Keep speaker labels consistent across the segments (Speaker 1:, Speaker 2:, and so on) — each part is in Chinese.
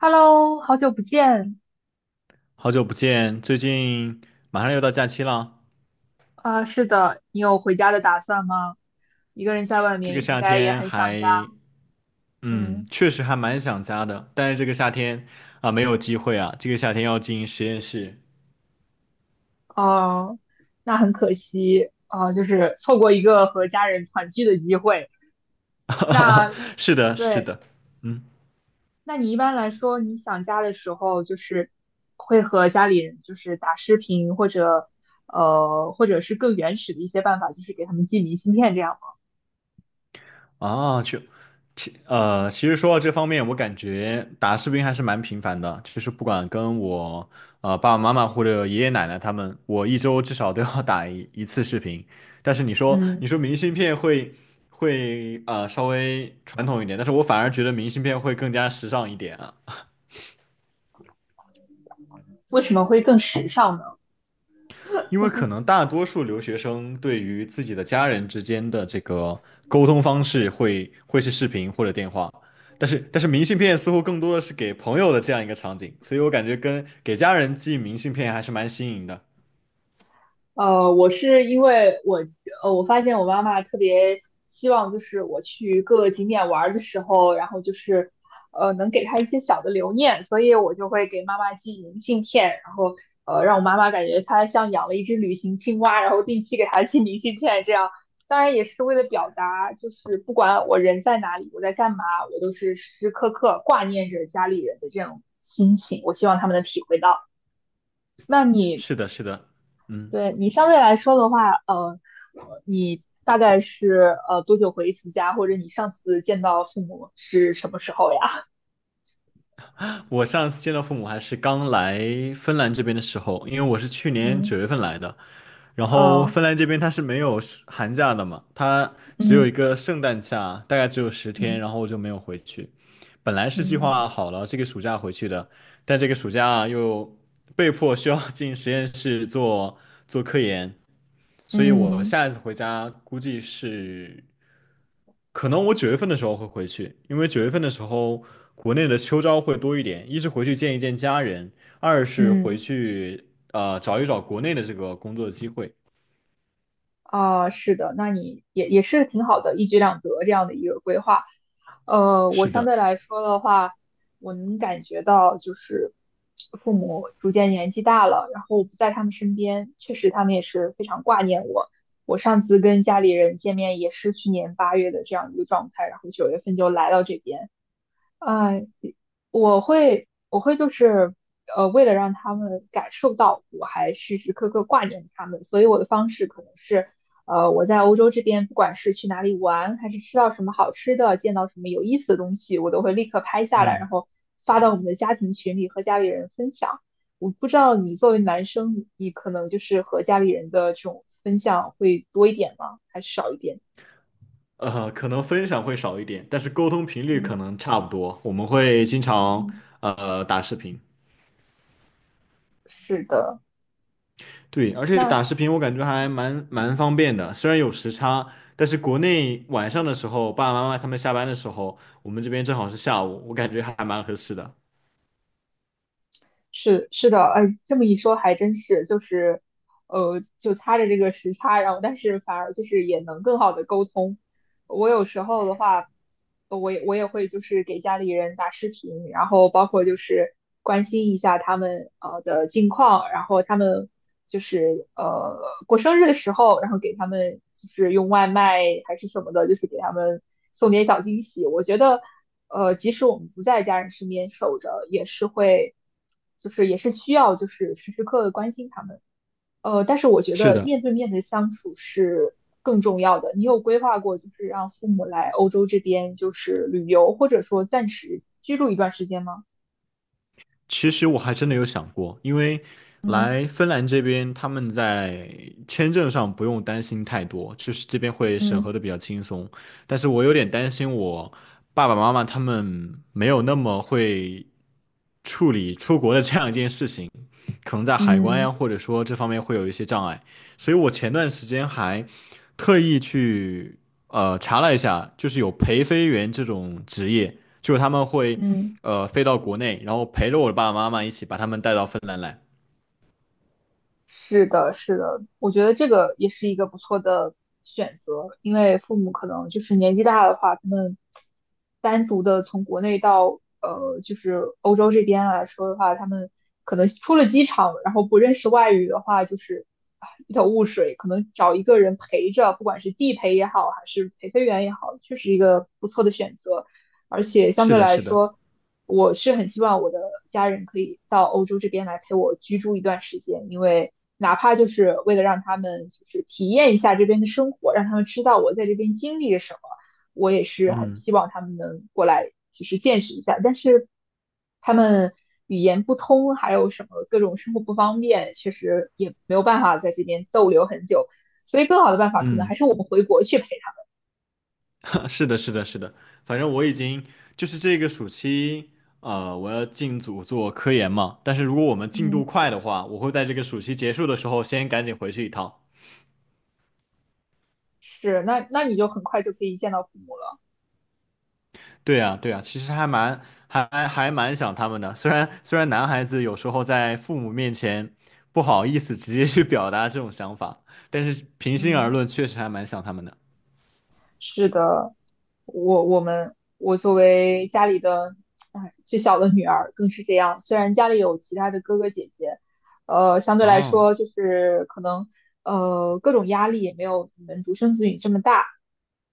Speaker 1: Hello，好久不见。
Speaker 2: 好久不见，最近马上又到假期了。
Speaker 1: 是的，你有回家的打算吗？一个人在外
Speaker 2: 这个
Speaker 1: 面应
Speaker 2: 夏
Speaker 1: 该也
Speaker 2: 天
Speaker 1: 很想家。
Speaker 2: 还，
Speaker 1: 嗯。
Speaker 2: 确实还蛮想家的，但是这个夏天啊，没有机会啊，这个夏天要进实验室。
Speaker 1: 哦、那很可惜，就是错过一个和家人团聚的机会。那
Speaker 2: 是的，是
Speaker 1: 对，
Speaker 2: 的。嗯，
Speaker 1: 那你一般来说，你想家的时候，会和家里人就是打视频，或者或者是更原始的一些办法，就是给他们寄明信片这样吗。
Speaker 2: 啊，去。其实说到这方面，我感觉打视频还是蛮频繁的，就是不管跟我爸爸妈妈或者爷爷奶奶他们，我一周至少都要打一次视频。但是你说
Speaker 1: 嗯。
Speaker 2: 你说明信片会稍微传统一点，但是我反而觉得明信片会更加时尚一点啊。
Speaker 1: 为什么会更时尚呢？
Speaker 2: 因为可能大多数留学生对于自己的家人之间的这个沟通方式会是视频或者电话，但是明信片似乎更多的是给朋友的这样一个场景，所以我感觉跟给家人寄明信片还是蛮新颖的。
Speaker 1: 我是因为我我发现我妈妈特别希望，就是我去各个景点玩儿的时候，然后就是能给她一些小的留念，所以我就会给妈妈寄明信片，然后让我妈妈感觉她像养了一只旅行青蛙，然后定期给她寄明信片，这样当然也是为了表达，就是不管我人在哪里，我在干嘛，我都是时时刻刻挂念着家里人的这种心情，我希望他们能体会到。那你
Speaker 2: 是的，是的。嗯，
Speaker 1: 对你相对来说的话，你大概是多久回一次家，或者你上次见到父母是什么时候呀？
Speaker 2: 我上次见到父母还是刚来芬兰这边的时候，因为我是去年九
Speaker 1: 嗯。
Speaker 2: 月份来的，然后
Speaker 1: 哦。
Speaker 2: 芬兰这边它是没有是寒假的嘛，它只有一
Speaker 1: 嗯
Speaker 2: 个圣诞假，大概只有十天，
Speaker 1: 嗯
Speaker 2: 然后我就没有回去。本来是计
Speaker 1: 嗯
Speaker 2: 划好了这个暑假回去的，但这个暑假又被迫需要 进实验室做做科研，所以我
Speaker 1: 嗯嗯。
Speaker 2: 下一次回家估计是可能我九月份的时候会回去，因为九月份的时候国内的秋招会多一点，一是回去见一见家人，二是回
Speaker 1: 嗯。
Speaker 2: 去找一找国内的这个工作机会。
Speaker 1: 啊，是的，那你也是挺好的，一举两得这样的一个规划。我
Speaker 2: 是
Speaker 1: 相
Speaker 2: 的。
Speaker 1: 对来说的话，我能感觉到就是父母逐渐年纪大了，然后我不在他们身边，确实他们也是非常挂念我。我上次跟家里人见面也是去年8月的这样一个状态，然后9月份就来到这边。哎，我会就是为了让他们感受到我还时时刻刻挂念他们，所以我的方式可能是，我在欧洲这边，不管是去哪里玩，还是吃到什么好吃的，见到什么有意思的东西，我都会立刻拍下来，
Speaker 2: 嗯，
Speaker 1: 然后发到我们的家庭群里和家里人分享。我不知道你作为男生，你可能就是和家里人的这种分享会多一点吗？还是少一点？
Speaker 2: 可能分享会少一点，但是沟通频率可
Speaker 1: 嗯。
Speaker 2: 能差不多。我们会经常
Speaker 1: 嗯。嗯。
Speaker 2: 打视频。
Speaker 1: 是的。
Speaker 2: 对，而且
Speaker 1: 那
Speaker 2: 打视频我感觉还蛮方便的，虽然有时差，但是国内晚上的时候，爸爸妈妈他们下班的时候，我们这边正好是下午，我感觉还蛮合适的。
Speaker 1: 是，是的，哎，这么一说还真是，就是，就擦着这个时差，然后但是反而就是也能更好的沟通，我有时候的话，我也会就是给家里人打视频，然后包括就是关心一下他们的近况，然后他们就是过生日的时候，然后给他们就是用外卖还是什么的，就是给他们送点小惊喜。我觉得即使我们不在家人身边守着，也是需要就是时时刻刻关心他们。但是我觉
Speaker 2: 是
Speaker 1: 得
Speaker 2: 的。
Speaker 1: 面对面的相处是更重要的。你有规划过，就是让父母来欧洲这边就是旅游，或者说暂时居住一段时间吗？
Speaker 2: 其实我还真的有想过，因为
Speaker 1: 嗯
Speaker 2: 来芬兰这边，他们在签证上不用担心太多，就是这边会审
Speaker 1: 嗯
Speaker 2: 核的比较轻松。但是我有点担心我爸爸妈妈他们没有那么会处理出国的这样一件事情，可能在海关
Speaker 1: 嗯
Speaker 2: 呀，或者说这方面会有一些障碍。所以我前段时间还特意去查了一下，就是有陪飞员这种职业，就是他们会
Speaker 1: 嗯。
Speaker 2: 飞到国内，然后陪着我的爸爸妈妈一起把他们带到芬兰来。
Speaker 1: 是的，是的，我觉得这个也是一个不错的选择，因为父母可能就是年纪大的话，他们单独的从国内到就是欧洲这边来说的话，他们可能出了机场，然后不认识外语的话，就是啊一头雾水，可能找一个人陪着，不管是地陪也好，还是陪飞员也好，确实一个不错的选择，而且相
Speaker 2: 是
Speaker 1: 对
Speaker 2: 的，
Speaker 1: 来
Speaker 2: 是的。
Speaker 1: 说。我是很希望我的家人可以到欧洲这边来陪我居住一段时间，因为哪怕就是为了让他们就是体验一下这边的生活，让他们知道我在这边经历了什么，我也是很
Speaker 2: 嗯
Speaker 1: 希望他们能过来就是见识一下。但是他们语言不通，还有什么各种生活不方便，确实也没有办法在这边逗留很久。所以更好的办法可能还
Speaker 2: 嗯。
Speaker 1: 是我们回国去陪他。
Speaker 2: 是的，是的，是的。反正我已经就是这个暑期，我要进组做科研嘛。但是如果我们进
Speaker 1: 嗯。
Speaker 2: 度快的话，我会在这个暑期结束的时候先赶紧回去一趟。
Speaker 1: 是，那那你就很快就可以见到父母了。
Speaker 2: 对呀，对呀，其实还蛮还蛮想他们的。虽然男孩子有时候在父母面前不好意思直接去表达这种想法，但是平心而
Speaker 1: 嗯。
Speaker 2: 论，确实还蛮想他们的。
Speaker 1: 是的，我作为家里的哎最小的女儿更是这样。虽然家里有其他的哥哥姐姐，相对来
Speaker 2: 哦，
Speaker 1: 说就是可能各种压力也没有你们独生子女这么大。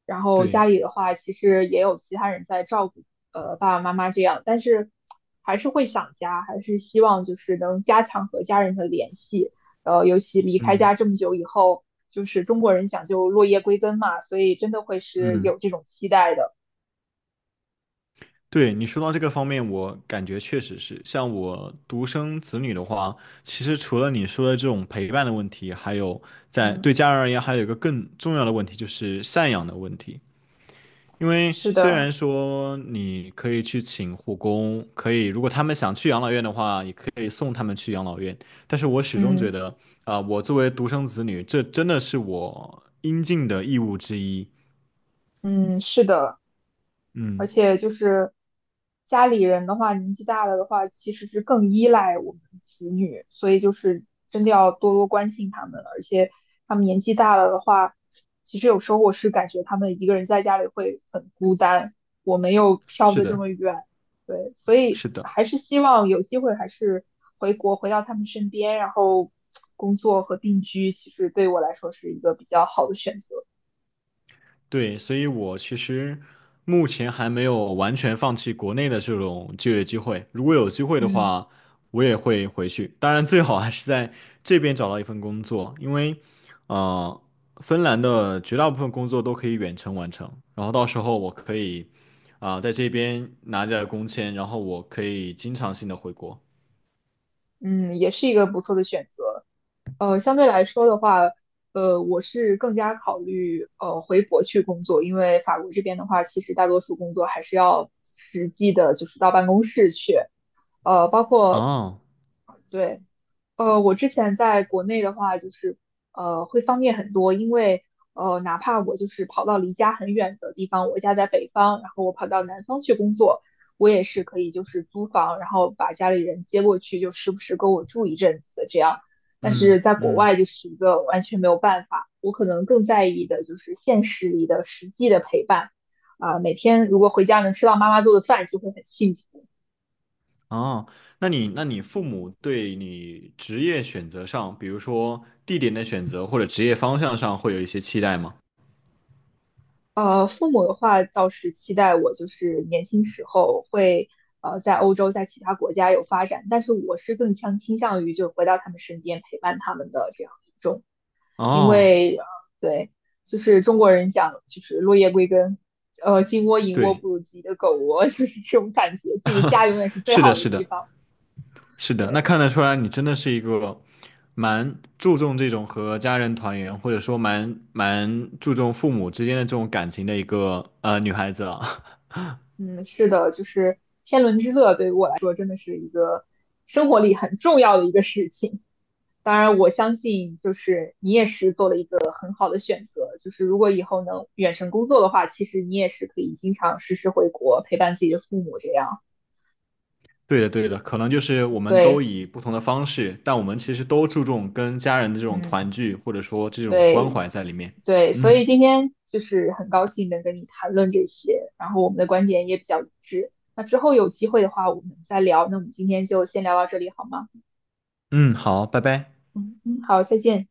Speaker 1: 然后家
Speaker 2: 对。
Speaker 1: 里的话，其实也有其他人在照顾，爸爸妈妈这样，但是还是会想家，还是希望就是能加强和家人的联系。尤其离开家
Speaker 2: 嗯
Speaker 1: 这么久以后，就是中国人讲究落叶归根嘛，所以真的会是
Speaker 2: 嗯。
Speaker 1: 有这种期待的。
Speaker 2: 对，你说到这个方面，我感觉确实是，像我独生子女的话，其实除了你说的这种陪伴的问题，还有在对
Speaker 1: 嗯，
Speaker 2: 家人而言，还有一个更重要的问题，就是赡养的问题。因为
Speaker 1: 是
Speaker 2: 虽
Speaker 1: 的，
Speaker 2: 然说你可以去请护工，可以如果他们想去养老院的话，也可以送他们去养老院。但是我始终觉
Speaker 1: 嗯
Speaker 2: 得，啊、我作为独生子女，这真的是我应尽的义务之一。
Speaker 1: 嗯，是的。而
Speaker 2: 嗯，
Speaker 1: 且就是家里人的话，年纪大了的话，其实是更依赖我们子女，所以就是真的要多多关心他们。而且他们年纪大了的话，其实有时候我是感觉他们一个人在家里会很孤单，我没有飘
Speaker 2: 是
Speaker 1: 的这
Speaker 2: 的，
Speaker 1: 么远，对，所以
Speaker 2: 是的。
Speaker 1: 还是希望有机会还是回国回到他们身边，然后工作和定居，其实对我来说是一个比较好的选择。
Speaker 2: 对，所以我其实目前还没有完全放弃国内的这种就业机会。如果有机会的
Speaker 1: 嗯
Speaker 2: 话，我也会回去。当然，最好还是在这边找到一份工作，因为呃，芬兰的绝大部分工作都可以远程完成。然后到时候我可以啊、在这边拿着工签，然后我可以经常性的回国。
Speaker 1: 嗯，也是一个不错的选择。相对来说的话，我是更加考虑回国去工作，因为法国这边的话，其实大多数工作还是要实际的，就是到办公室去，包括
Speaker 2: 哦。
Speaker 1: 对。我之前在国内的话，就是会方便很多，因为哪怕我就是跑到离家很远的地方，我家在北方，然后我跑到南方去工作，我也是可以就是租房，然后把家里人接过去，就时不时跟我住一阵子这样。但是
Speaker 2: 嗯
Speaker 1: 在国
Speaker 2: 嗯。
Speaker 1: 外就是一个完全没有办法，我可能更在意的就是现实里的实际的陪伴，每天如果回家能吃到妈妈做的饭，就会很幸福。
Speaker 2: 哦，那你父母对你职业选择上，比如说地点的选择或者职业方向上，会有一些期待吗？
Speaker 1: 父母的话倒是期待我就是年轻时候会在欧洲，在其他国家有发展，但是我是更倾向于就回到他们身边陪伴他们的这样一种，因
Speaker 2: 哦，
Speaker 1: 为对，就是中国人讲就是落叶归根，金窝银窝
Speaker 2: 对，
Speaker 1: 不如自己的狗窝，就是这种感觉，自己的家永远是最
Speaker 2: 是的，
Speaker 1: 好的
Speaker 2: 是
Speaker 1: 地
Speaker 2: 的，
Speaker 1: 方。
Speaker 2: 是的，那
Speaker 1: 对，
Speaker 2: 看得出来你真的是一个蛮注重这种和家人团圆，或者说蛮注重父母之间的这种感情的一个女孩子啊。
Speaker 1: 嗯，是的，就是天伦之乐对于我来说真的是一个生活里很重要的一个事情。当然，我相信就是你也是做了一个很好的选择，就是如果以后能远程工作的话，其实你也是可以经常时时回国陪伴自己的父母这样。
Speaker 2: 对的，对的，可能就是我们都
Speaker 1: 对，
Speaker 2: 以不同的方式，但我们其实都注重跟家人的这种
Speaker 1: 嗯，
Speaker 2: 团聚，或者说这种关
Speaker 1: 对，
Speaker 2: 怀在里面。
Speaker 1: 对，所以
Speaker 2: 嗯。
Speaker 1: 今天就是很高兴能跟你谈论这些，然后我们的观点也比较一致。那之后有机会的话，我们再聊。那我们今天就先聊到这里好吗？
Speaker 2: 嗯，好，拜拜。
Speaker 1: 嗯嗯，好，再见。